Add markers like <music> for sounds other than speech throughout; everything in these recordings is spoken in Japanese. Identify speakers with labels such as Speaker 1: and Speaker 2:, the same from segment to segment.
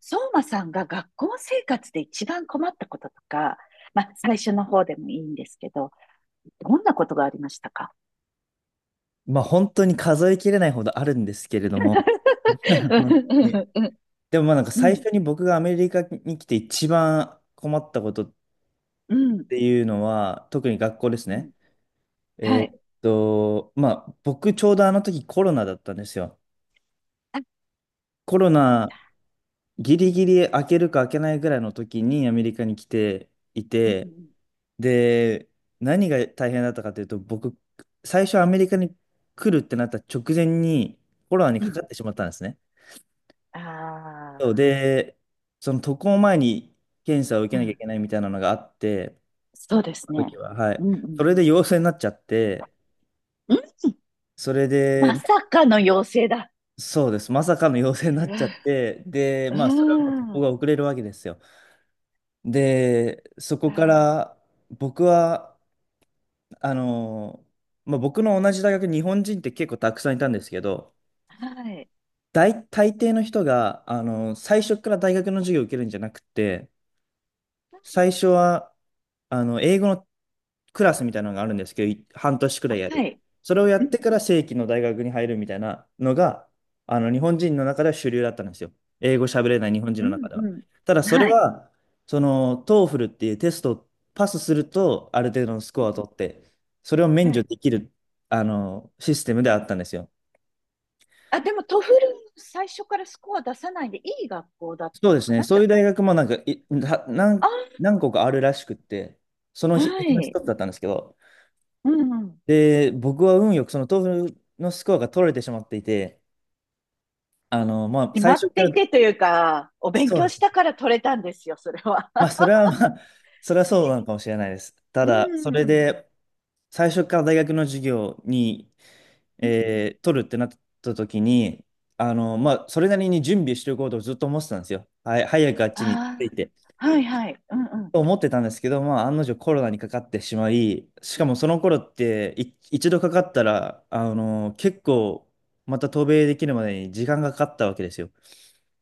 Speaker 1: 相馬さんが学校生活で一番困ったこととか、まあ、最初の方でもいいんですけど、どんなことがありましたか？
Speaker 2: まあ本当に数えきれないほどあるんですけれども、<laughs> 本当に
Speaker 1: <laughs>
Speaker 2: でも
Speaker 1: う
Speaker 2: 最
Speaker 1: ん、
Speaker 2: 初に僕がアメリカに来て一番困ったことっ
Speaker 1: うん、
Speaker 2: ていうのは、特に学校です
Speaker 1: うん。
Speaker 2: ね。
Speaker 1: はい。
Speaker 2: まあ僕ちょうどあの時コロナだったんですよ。
Speaker 1: あ、
Speaker 2: コロ
Speaker 1: そう
Speaker 2: ナ
Speaker 1: だ。
Speaker 2: ギリギリ開けるか開けないぐらいの時にアメリカに来てい
Speaker 1: う
Speaker 2: て、
Speaker 1: ん、
Speaker 2: で、何が大変だったかというと、僕、最初アメリカに来るってなった直前にコロナに
Speaker 1: うん、う
Speaker 2: か
Speaker 1: ん。
Speaker 2: かってしまったんですね。
Speaker 1: あ
Speaker 2: そうで、その渡航前に検査を受
Speaker 1: あ
Speaker 2: け
Speaker 1: ー、う
Speaker 2: なきゃい
Speaker 1: ん。
Speaker 2: けないみたいなのがあって、
Speaker 1: そうです
Speaker 2: その
Speaker 1: ね。
Speaker 2: 時は、は
Speaker 1: う
Speaker 2: い。
Speaker 1: ん、う
Speaker 2: そ
Speaker 1: ん。
Speaker 2: れで陽性になっちゃって、
Speaker 1: うん、
Speaker 2: それで、
Speaker 1: ま
Speaker 2: ま
Speaker 1: さかの妖精だ。
Speaker 2: そうです。まさかの陽性になっちゃっ
Speaker 1: <laughs>
Speaker 2: て、で、
Speaker 1: う
Speaker 2: まあ、それはもう渡
Speaker 1: ん、う
Speaker 2: 航
Speaker 1: ん。
Speaker 2: が遅れるわけですよ。で、そこから、僕は、あの、まあ、僕の同じ大学、日本人って結構たくさんいたんですけど、
Speaker 1: はい。
Speaker 2: 大抵の人が、最初から大学の授業を受けるんじゃなくて、最初は、英語のクラスみたいなのがあるんですけど、半年くらいや
Speaker 1: は
Speaker 2: る。
Speaker 1: い。
Speaker 2: それをや
Speaker 1: う
Speaker 2: っ
Speaker 1: ん、
Speaker 2: てから正規の大学に入るみたいなのが、日本人の中では主流だったんですよ。英語喋れない日本人
Speaker 1: う
Speaker 2: の中
Speaker 1: ん、
Speaker 2: では。
Speaker 1: う
Speaker 2: ただ、
Speaker 1: ん。
Speaker 2: それ
Speaker 1: はい。
Speaker 2: は、その、トーフルっていうテストをパスすると、ある程度のスコアを取って、それを免
Speaker 1: は
Speaker 2: 除
Speaker 1: い。
Speaker 2: できる、システムであったんですよ。
Speaker 1: あ、でもトフル最初からスコア出さないでいい学校だっ
Speaker 2: そ
Speaker 1: た
Speaker 2: う
Speaker 1: の
Speaker 2: です
Speaker 1: か
Speaker 2: ね。
Speaker 1: な、
Speaker 2: そ
Speaker 1: じ
Speaker 2: うい
Speaker 1: ゃ
Speaker 2: う大学もなんか、い、は何、
Speaker 1: あ。
Speaker 2: 何個かあるらしくって、その
Speaker 1: あ、
Speaker 2: 日、
Speaker 1: は
Speaker 2: うちの
Speaker 1: い。
Speaker 2: 一つだったんですけど、
Speaker 1: うんうん。
Speaker 2: で、僕は運よくその豆腐のスコアが取れてしまっていて、まあ、
Speaker 1: 決
Speaker 2: 最
Speaker 1: まっ
Speaker 2: 初か
Speaker 1: てい
Speaker 2: ら、
Speaker 1: てというか、お勉
Speaker 2: そう
Speaker 1: 強
Speaker 2: で
Speaker 1: し
Speaker 2: す。
Speaker 1: たから取れたんですよ、それは。
Speaker 2: まあ、
Speaker 1: <laughs>
Speaker 2: それはまあ、<laughs> それはそうな
Speaker 1: ね。
Speaker 2: のかもしれないです。た
Speaker 1: うん
Speaker 2: だ、そ
Speaker 1: う
Speaker 2: れ
Speaker 1: んうん。
Speaker 2: で、最初から大学の授業に、
Speaker 1: うん。
Speaker 2: 取るってなった時に、まあ、それなりに準備しておこうとずっと思ってたんですよ。はい、早くあっちに着い
Speaker 1: あ
Speaker 2: て。
Speaker 1: あ、はいはい。うんうん。
Speaker 2: と思ってたんですけど、まあ、案の定コロナにかかってしまい、しかもその頃って一度かかったら、結構また渡米できるまでに時間がかかったわけですよ。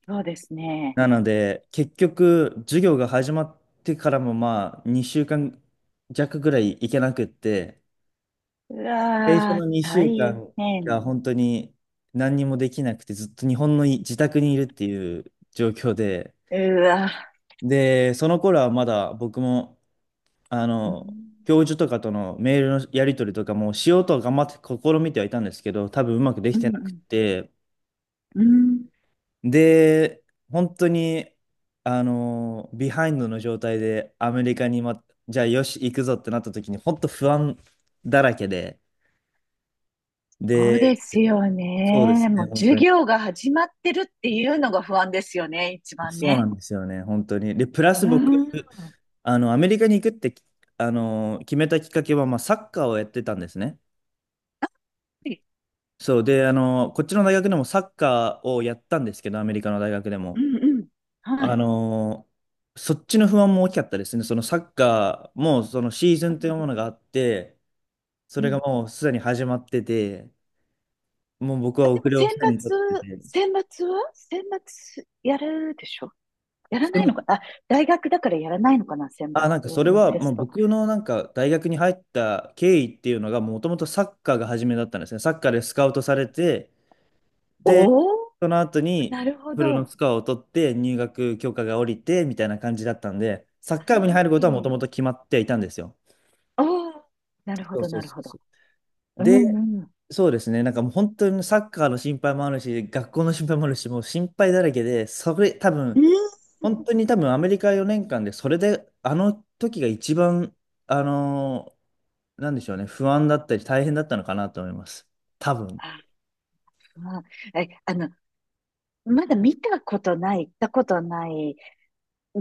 Speaker 1: そうですね。
Speaker 2: なので、結局、授業が始まってからもまあ、2週間弱ぐらい行けなくって、
Speaker 1: う
Speaker 2: 最初
Speaker 1: わ
Speaker 2: の
Speaker 1: ー、
Speaker 2: 2週
Speaker 1: 大
Speaker 2: 間が
Speaker 1: 変。
Speaker 2: 本当に何にもできなくて、ずっと日本の自宅にいるっていう状況で、
Speaker 1: うわ。
Speaker 2: で、その頃はまだ僕も、あ
Speaker 1: うん。
Speaker 2: の、教授とかとのメールのやり取りとかもしようとは頑張って試みてはいたんですけど、多分うまくでき
Speaker 1: う
Speaker 2: てなく
Speaker 1: ん
Speaker 2: て、
Speaker 1: うん。うん。
Speaker 2: で、本当に、ビハインドの状態でアメリカに、ま、じゃあよし、行くぞってなった時に、本当不安だらけで、
Speaker 1: そう
Speaker 2: で、
Speaker 1: ですよ
Speaker 2: そうで
Speaker 1: ね。
Speaker 2: すね、
Speaker 1: もう
Speaker 2: 本
Speaker 1: 授
Speaker 2: 当に。
Speaker 1: 業が始まってるっていうのが不安ですよね、一番
Speaker 2: そうな
Speaker 1: ね。
Speaker 2: んですよね、本当に。で、プラ
Speaker 1: う
Speaker 2: ス
Speaker 1: ー
Speaker 2: 僕、
Speaker 1: ん。は
Speaker 2: アメリカに行くって、決めたきっかけは、まあ、サッカーをやってたんですね。
Speaker 1: い。
Speaker 2: そうで、こっちの大学でもサッカーをやったんですけど、アメリカの大学で
Speaker 1: う
Speaker 2: も。
Speaker 1: んうん。は
Speaker 2: あ
Speaker 1: い。
Speaker 2: の、そっちの不安も大きかったですね。そのサッカーも、そのシーズ
Speaker 1: あ、
Speaker 2: ンと
Speaker 1: な
Speaker 2: い
Speaker 1: る
Speaker 2: う
Speaker 1: ほ
Speaker 2: も
Speaker 1: ど。
Speaker 2: のがあって、そ
Speaker 1: う
Speaker 2: れが
Speaker 1: ん。
Speaker 2: もうすでに始まってて、もう僕
Speaker 1: あ、
Speaker 2: は
Speaker 1: で
Speaker 2: 遅
Speaker 1: も
Speaker 2: れを
Speaker 1: 選
Speaker 2: すでに取って
Speaker 1: 抜、
Speaker 2: て。
Speaker 1: 選抜は選抜やるでしょ。やら
Speaker 2: で
Speaker 1: ないの
Speaker 2: も
Speaker 1: かなあ、大学だからやらないのかな選抜
Speaker 2: あ、なんかそれ
Speaker 1: の
Speaker 2: は、
Speaker 1: テ
Speaker 2: も
Speaker 1: ス
Speaker 2: う
Speaker 1: ト。
Speaker 2: 僕のなんか大学に入った経緯っていうのが、もともとサッカーが初めだったんですね。サッカーでスカウトされて、で、
Speaker 1: おお、
Speaker 2: その後に、
Speaker 1: なるほ
Speaker 2: フ
Speaker 1: ど。
Speaker 2: ルの
Speaker 1: は
Speaker 2: スコアを取って入学許可が下りてみたいな感じだったんで、サッカー部に入ることはもとも
Speaker 1: い。
Speaker 2: と決まっていたんですよ。
Speaker 1: おお、なるほ
Speaker 2: そう
Speaker 1: ど、
Speaker 2: そう
Speaker 1: なる
Speaker 2: そ
Speaker 1: ほ
Speaker 2: うそ
Speaker 1: ど。うん
Speaker 2: で、
Speaker 1: うん。
Speaker 2: そうですね、なんかもう本当にサッカーの心配もあるし、学校の心配もあるし、もう心配だらけで、それ多
Speaker 1: う
Speaker 2: 分、
Speaker 1: ん。
Speaker 2: 本当に多分アメリカ4年間で、それであの時が一番、あのーなんでしょうね、不安だったり大変だったのかなと思います。多分。
Speaker 1: あ、まあ、まだ見たことない、行ったことない。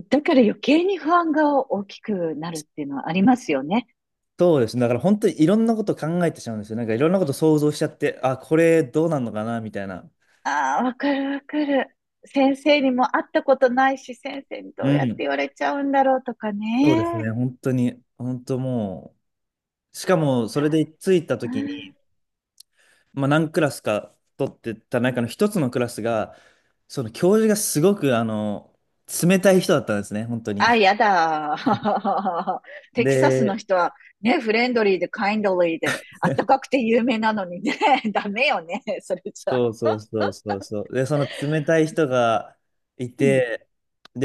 Speaker 1: だから余計に不安が大きくなるっていうのはありますよね。
Speaker 2: そうですね。だから本当にいろんなこと考えてしまうんですよ。なんかいろんなこと想像しちゃって、あ、これどうなんのかなみたいな。
Speaker 1: ああ、わかるわかる。先生にも会ったことないし、先生に
Speaker 2: う
Speaker 1: どうやって
Speaker 2: ん。
Speaker 1: 言われちゃうんだろうとか
Speaker 2: そうです
Speaker 1: ね。
Speaker 2: ね。本当に、本当もう、しかもそれで着いた
Speaker 1: そう。う
Speaker 2: 時
Speaker 1: ん。
Speaker 2: に、まあ何クラスか取ってた中の一つのクラスが、その教授がすごく冷たい人だったんですね。本当に。
Speaker 1: あ、やだ。<laughs> テキサスの
Speaker 2: で、
Speaker 1: 人はね、フレンドリーでカインドリーで、あったかくて有名なのにね、<laughs> ダメよね、それじゃ。
Speaker 2: そう。で、その冷たい人がい
Speaker 1: うん、
Speaker 2: て、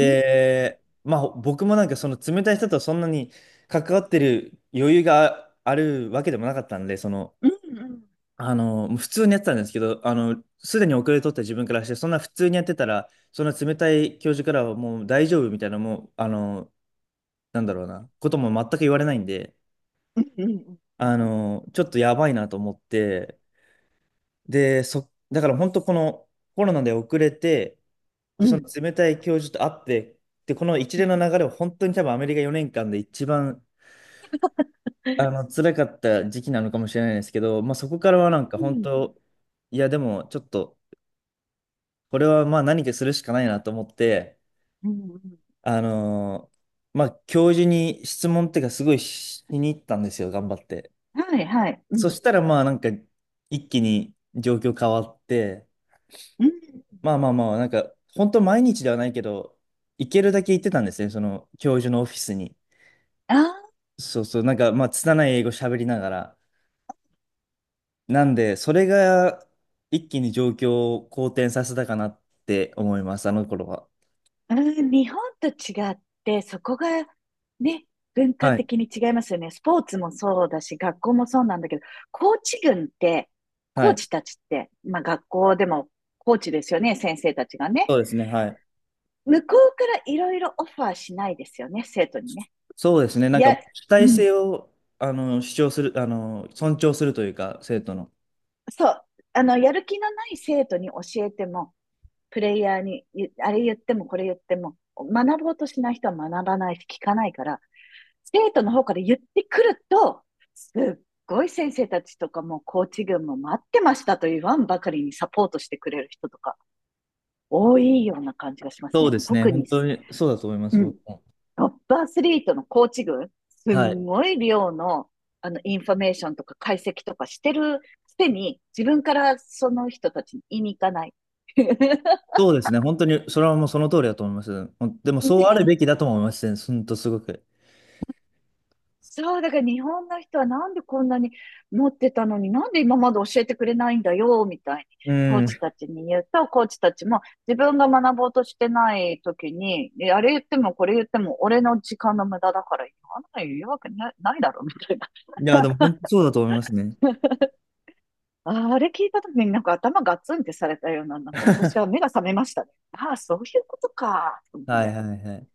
Speaker 1: うん、
Speaker 2: まあ僕もなんかその冷たい人とそんなに関わってる余裕があるわけでもなかったんで、その、
Speaker 1: うん、
Speaker 2: 普通にやってたんですけど、すでに遅れとった自分からして、そんな普通にやってたら、そんな冷たい教授からはもう大丈夫みたいな、もう、なんだろうな、ことも全く言われないんで、
Speaker 1: うん、うん、
Speaker 2: ちょっとやばいなと思って、で、だから本当このコロナで遅れて、
Speaker 1: う
Speaker 2: で、その
Speaker 1: ん、
Speaker 2: 冷たい教授と会って、で、この一連の流れを本当に多分アメリカ4年間で一番、
Speaker 1: うん、うん、
Speaker 2: 辛かった時期なのかもしれないですけど、まあそこからはなんか本当、いやでもちょっと、これはまあ何かするしかないなと思って、
Speaker 1: うん、うん。
Speaker 2: あのーまあ教授に質問っていうかすごいしに行ったんですよ、頑張って。
Speaker 1: はい、はい、う
Speaker 2: そ
Speaker 1: ん、
Speaker 2: したらまあなんか一気に状況変わって、
Speaker 1: うん。
Speaker 2: まあまあまあなんか本当毎日ではないけど、行けるだけ行ってたんですね、その教授のオフィスに。
Speaker 1: ああ。
Speaker 2: そうそう、なんか、まあ、拙い英語喋りながら。なんで、それが一気に状況を好転させたかなって思います、あの頃は。
Speaker 1: うん、日本と違って、そこがね、文化
Speaker 2: はい。
Speaker 1: 的に違いますよね。スポーツもそうだし、学校もそうなんだけど、コーチ群って、
Speaker 2: は
Speaker 1: コー
Speaker 2: い。
Speaker 1: チたちって、まあ学校でもコーチですよね、先生たちが
Speaker 2: そ
Speaker 1: ね。
Speaker 2: うですね、はい。
Speaker 1: 向こうからいろいろオファーしないですよね、生徒にね。
Speaker 2: そうですね、なんか、
Speaker 1: や、
Speaker 2: 主
Speaker 1: う
Speaker 2: 体
Speaker 1: ん、
Speaker 2: 性を、主張する、尊重するというか、生徒の。
Speaker 1: そう。やる気のない生徒に教えても、プレイヤーに、あれ言ってもこれ言っても、学ぼうとしない人は学ばないし、聞かないから、生徒の方から言ってくると、すっごい先生たちとかもコーチ群も待ってましたと言わんばかりにサポートしてくれる人とか多いような感じがします
Speaker 2: そう
Speaker 1: ね。
Speaker 2: ですね、
Speaker 1: 特
Speaker 2: 本
Speaker 1: に、
Speaker 2: 当にそうだと思いま
Speaker 1: う
Speaker 2: す、
Speaker 1: ん、
Speaker 2: 僕も。
Speaker 1: トップアスリートのコーチ群、す
Speaker 2: は
Speaker 1: ん
Speaker 2: い。
Speaker 1: ごい量のあのインフォメーションとか解析とかしてるくせに、自分からその人たちに言いに行かない。<laughs>
Speaker 2: そうですね、本当に、それはもうその通りだと思います。ほんでも、そうあ
Speaker 1: ね。
Speaker 2: るべきだとも思いますね、ほんとすごく。
Speaker 1: そう、だから日本の人はなんでこんなに持ってたのに、なんで今まで教えてくれないんだよ、みたいに、
Speaker 2: う
Speaker 1: コー
Speaker 2: ん。い
Speaker 1: チたちに言うと、コーチたちも自分が学ぼうとしてない時に、あれ言ってもこれ言っても俺の時間の無駄だから、言わなの言うわけなないだろ、みたいな。
Speaker 2: や、でも、本当そうだと思いますね。
Speaker 1: <laughs> あれ聞いた時になんか頭ガツンってされたような、なんか私は目が覚めましたね。ああ、そういうことか、と思っ
Speaker 2: はい、
Speaker 1: て。
Speaker 2: はい、はい。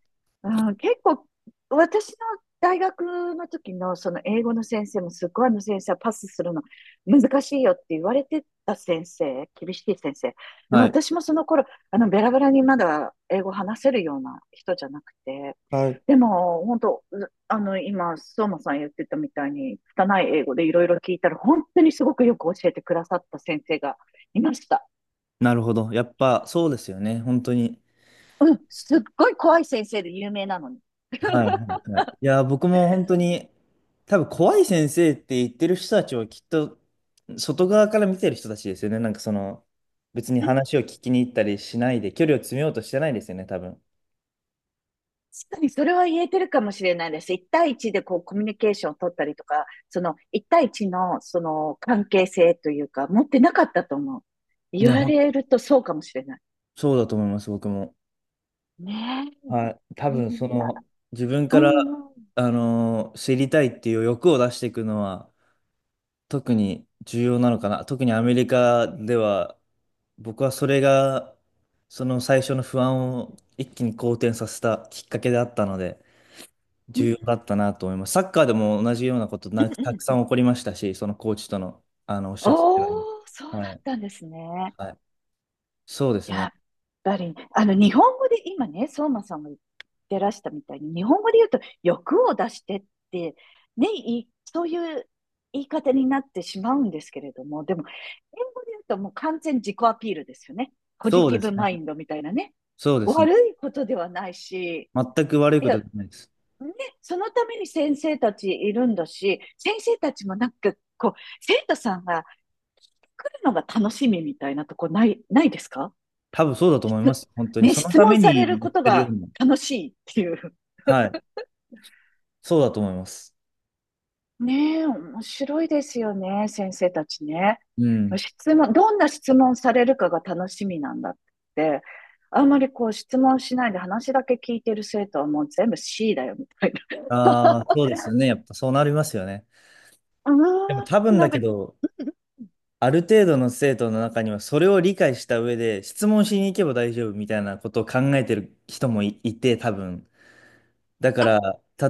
Speaker 1: うん、結構、私の大学の時のその英語の先生もすっごいあの先生はパスするの難しいよって言われてた先生、厳しい先生。でも
Speaker 2: はい。
Speaker 1: 私もその頃、ベラベラにまだ英語話せるような人じゃなくて、
Speaker 2: はい、
Speaker 1: でも本当、今、相馬さん言ってたみたいに、拙い英語でいろいろ聞いたら、本当にすごくよく教えてくださった先生がいました。
Speaker 2: なるほど。やっぱそうですよね。本当に。
Speaker 1: うん、すっごい怖い先生で有名なのに。
Speaker 2: はいはいはい。いや、僕も本当に、多分怖い先生って言ってる人たちはきっと、外側から見てる人たちですよね。なんかその、別に話を聞きに行ったりしないで、距離を詰めようとしてないですよね、多分。
Speaker 1: 確かにそれは言えてるかもしれないです。一対一でこうコミュニケーションを取ったりとか、その一対一のその関係性というか、持ってなかったと思う。
Speaker 2: い
Speaker 1: 言
Speaker 2: や、
Speaker 1: わ
Speaker 2: ほん、
Speaker 1: れるとそうかもしれない。
Speaker 2: そうだと思います、僕も。
Speaker 1: ね
Speaker 2: はい。多
Speaker 1: え。
Speaker 2: 分そ
Speaker 1: いや、
Speaker 2: の、自分
Speaker 1: う
Speaker 2: から、
Speaker 1: んうん。
Speaker 2: 知りたいっていう欲を出していくのは、特に重要なのかな。特にアメリカでは、僕はそれが、その最初の不安を一気に好転させたきっかけであったので、
Speaker 1: うん
Speaker 2: 重要だったなと思います。サッカーでも同じようなこと
Speaker 1: う
Speaker 2: な
Speaker 1: ん
Speaker 2: た
Speaker 1: う
Speaker 2: く
Speaker 1: ん。
Speaker 2: さん起こりましたし、そのコーチとの、おっしゃってたように。
Speaker 1: おー、そうだっ
Speaker 2: はい。
Speaker 1: たんですね。
Speaker 2: はい。そうです
Speaker 1: やっ
Speaker 2: ね。
Speaker 1: ぱり、日本語で、今ね、相馬さんが言ってらしたみたいに、日本語で言うと、欲を出してって、ね、そういう言い方になってしまうんですけれども、でも、英語で言うともう完全自己アピールですよね。ポジ
Speaker 2: そう
Speaker 1: テ
Speaker 2: で
Speaker 1: ィブ
Speaker 2: すね。
Speaker 1: マインドみたいなね。
Speaker 2: そうですね。
Speaker 1: 悪いことではないし、
Speaker 2: 全く悪い
Speaker 1: い
Speaker 2: こ
Speaker 1: や、
Speaker 2: と
Speaker 1: ね、
Speaker 2: じゃないです。
Speaker 1: そのために先生たちいるんだし、先生たちもなんか、こう、生徒さんが来るのが楽しみみたいなとこない、ですか？
Speaker 2: 多分そうだと思
Speaker 1: <laughs>
Speaker 2: いま
Speaker 1: つ
Speaker 2: す。本当に。
Speaker 1: ね、
Speaker 2: その
Speaker 1: 質
Speaker 2: た
Speaker 1: 問
Speaker 2: め
Speaker 1: される
Speaker 2: にやっ
Speaker 1: こと
Speaker 2: てるよう
Speaker 1: が
Speaker 2: な。
Speaker 1: 楽しいっていう。
Speaker 2: はい。そうだと思います。
Speaker 1: ねえ、面白いですよね、先生たちね。
Speaker 2: うん。
Speaker 1: 質問、どんな質問されるかが楽しみなんだって、あんまりこう質問しないで話だけ聞いてる生徒はもう全部 C だよみたい
Speaker 2: ああ、そうですよね。やっぱそうなりますよね。
Speaker 1: な。う
Speaker 2: でも多
Speaker 1: ーん、
Speaker 2: 分
Speaker 1: な
Speaker 2: だ
Speaker 1: んか、
Speaker 2: けど、ある程度の生徒の中にはそれを理解した上で質問しに行けば大丈夫みたいなことを考えてる人もいて多分。だか
Speaker 1: あ、
Speaker 2: ら、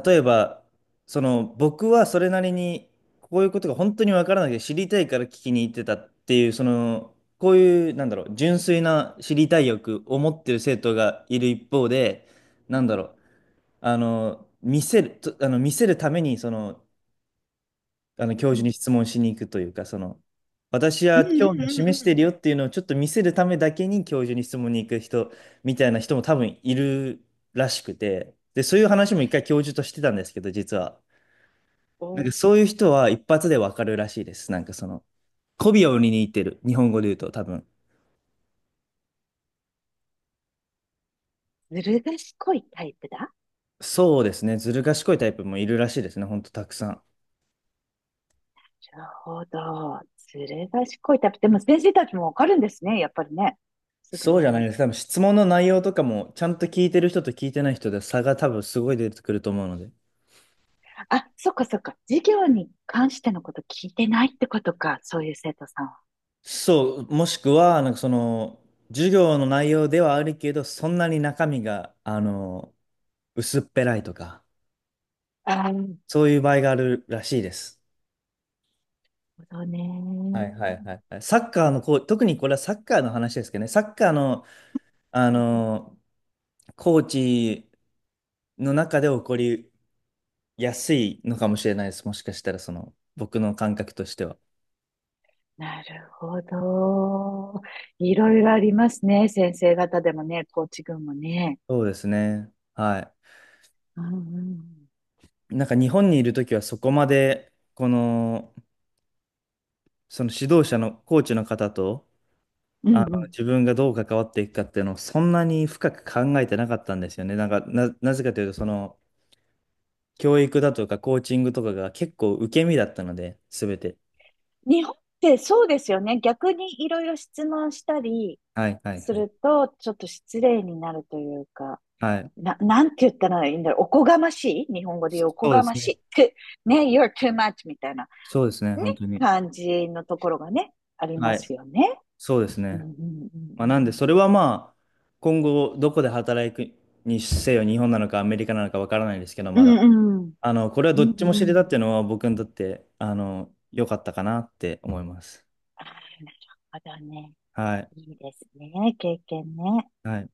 Speaker 2: 例えば、その僕はそれなりにこういうことが本当にわからなくて知りたいから聞きに行ってたっていう、その、こういう、なんだろう、純粋な知りたい欲を持ってる生徒がいる一方で、なんだろう、あの、見せるために、その、あの教
Speaker 1: う
Speaker 2: 授
Speaker 1: ん、
Speaker 2: に質問しに行くというか、その、私
Speaker 1: う
Speaker 2: は
Speaker 1: ん、う
Speaker 2: 興
Speaker 1: ん、
Speaker 2: 味を
Speaker 1: うんうんう
Speaker 2: 示してる
Speaker 1: ん。
Speaker 2: よっていうのをちょっと見せるためだけに教授に質問に行く人みたいな人も多分いるらしくて、で、そういう話も一回教授としてたんですけど、実は。なんか
Speaker 1: お
Speaker 2: そういう人は一発でわかるらしいです。なんかその、媚びを売りに行ってる。日本語で言うと多分。
Speaker 1: ずる賢いタイプだ。
Speaker 2: そうですね。ずる賢いタイプもいるらしいですね。ほんとたくさん。
Speaker 1: なるほど。ずる賢いタイプ。でも先生たちもわかるんですね、やっぱりね。すぐ
Speaker 2: そうじゃ
Speaker 1: ね。
Speaker 2: ないです。多分質問の内容とかもちゃんと聞いてる人と聞いてない人で差が多分すごい出てくると思うので。
Speaker 1: あ、そっかそっか。授業に関してのこと聞いてないってことか。そういう生徒さんは。
Speaker 2: そう、もしくは、なんかその、授業の内容ではあるけど、そんなに中身が、あの、薄っぺらいとか、
Speaker 1: ああ、なる
Speaker 2: そういう場合があるらしいです。
Speaker 1: ほどね。
Speaker 2: はいはいはいはい。サッカーのコー、特にこれはサッカーの話ですけどね、サッカーの、あの、コーチの中で起こりやすいのかもしれないです。もしかしたら、その、僕の感覚としては。
Speaker 1: なるほど。いろいろありますね。先生方でもね、コーチ群もね。
Speaker 2: そうですね。は
Speaker 1: うんうん
Speaker 2: い。なんか日本にいるときはそこまで、この、その指導者のコーチの方と、
Speaker 1: う
Speaker 2: あ
Speaker 1: ん。
Speaker 2: の
Speaker 1: うんうん。
Speaker 2: 自分がどう関わっていくかっていうのをそんなに深く考えてなかったんですよね。なぜかというと、その教育だとかコーチングとかが結構受け身だったので、すべて。
Speaker 1: 日本ってそうですよね。逆にいろいろ質問したり
Speaker 2: はいはい
Speaker 1: す
Speaker 2: はい。
Speaker 1: ると、ちょっと失礼になるというか、
Speaker 2: はい。
Speaker 1: なんて言ったらいいんだろう。おこがましい日本語で言うおこ
Speaker 2: そうで
Speaker 1: がま
Speaker 2: す
Speaker 1: し
Speaker 2: ね。
Speaker 1: い。ね、you're too much みたいな。
Speaker 2: そうですね、
Speaker 1: ね、
Speaker 2: 本当に。
Speaker 1: 感じのところがね、あり
Speaker 2: は
Speaker 1: ま
Speaker 2: い。
Speaker 1: すよね。
Speaker 2: そうです
Speaker 1: うんう
Speaker 2: ね。まあ、なんで、
Speaker 1: ん
Speaker 2: それはまあ、今後どこで働くにせよ、日本なのかアメリカなのかわからないですけど、
Speaker 1: う
Speaker 2: まだ。
Speaker 1: んうん。
Speaker 2: あの、これは
Speaker 1: う
Speaker 2: ど
Speaker 1: ん
Speaker 2: っ
Speaker 1: う
Speaker 2: ち
Speaker 1: ん。う
Speaker 2: も知
Speaker 1: んう
Speaker 2: れた
Speaker 1: ん。
Speaker 2: っていうのは僕にとって、あの、良かったかなって思います。
Speaker 1: ああ、なるほどね。
Speaker 2: はい。
Speaker 1: いいですね。経験ね。
Speaker 2: はい。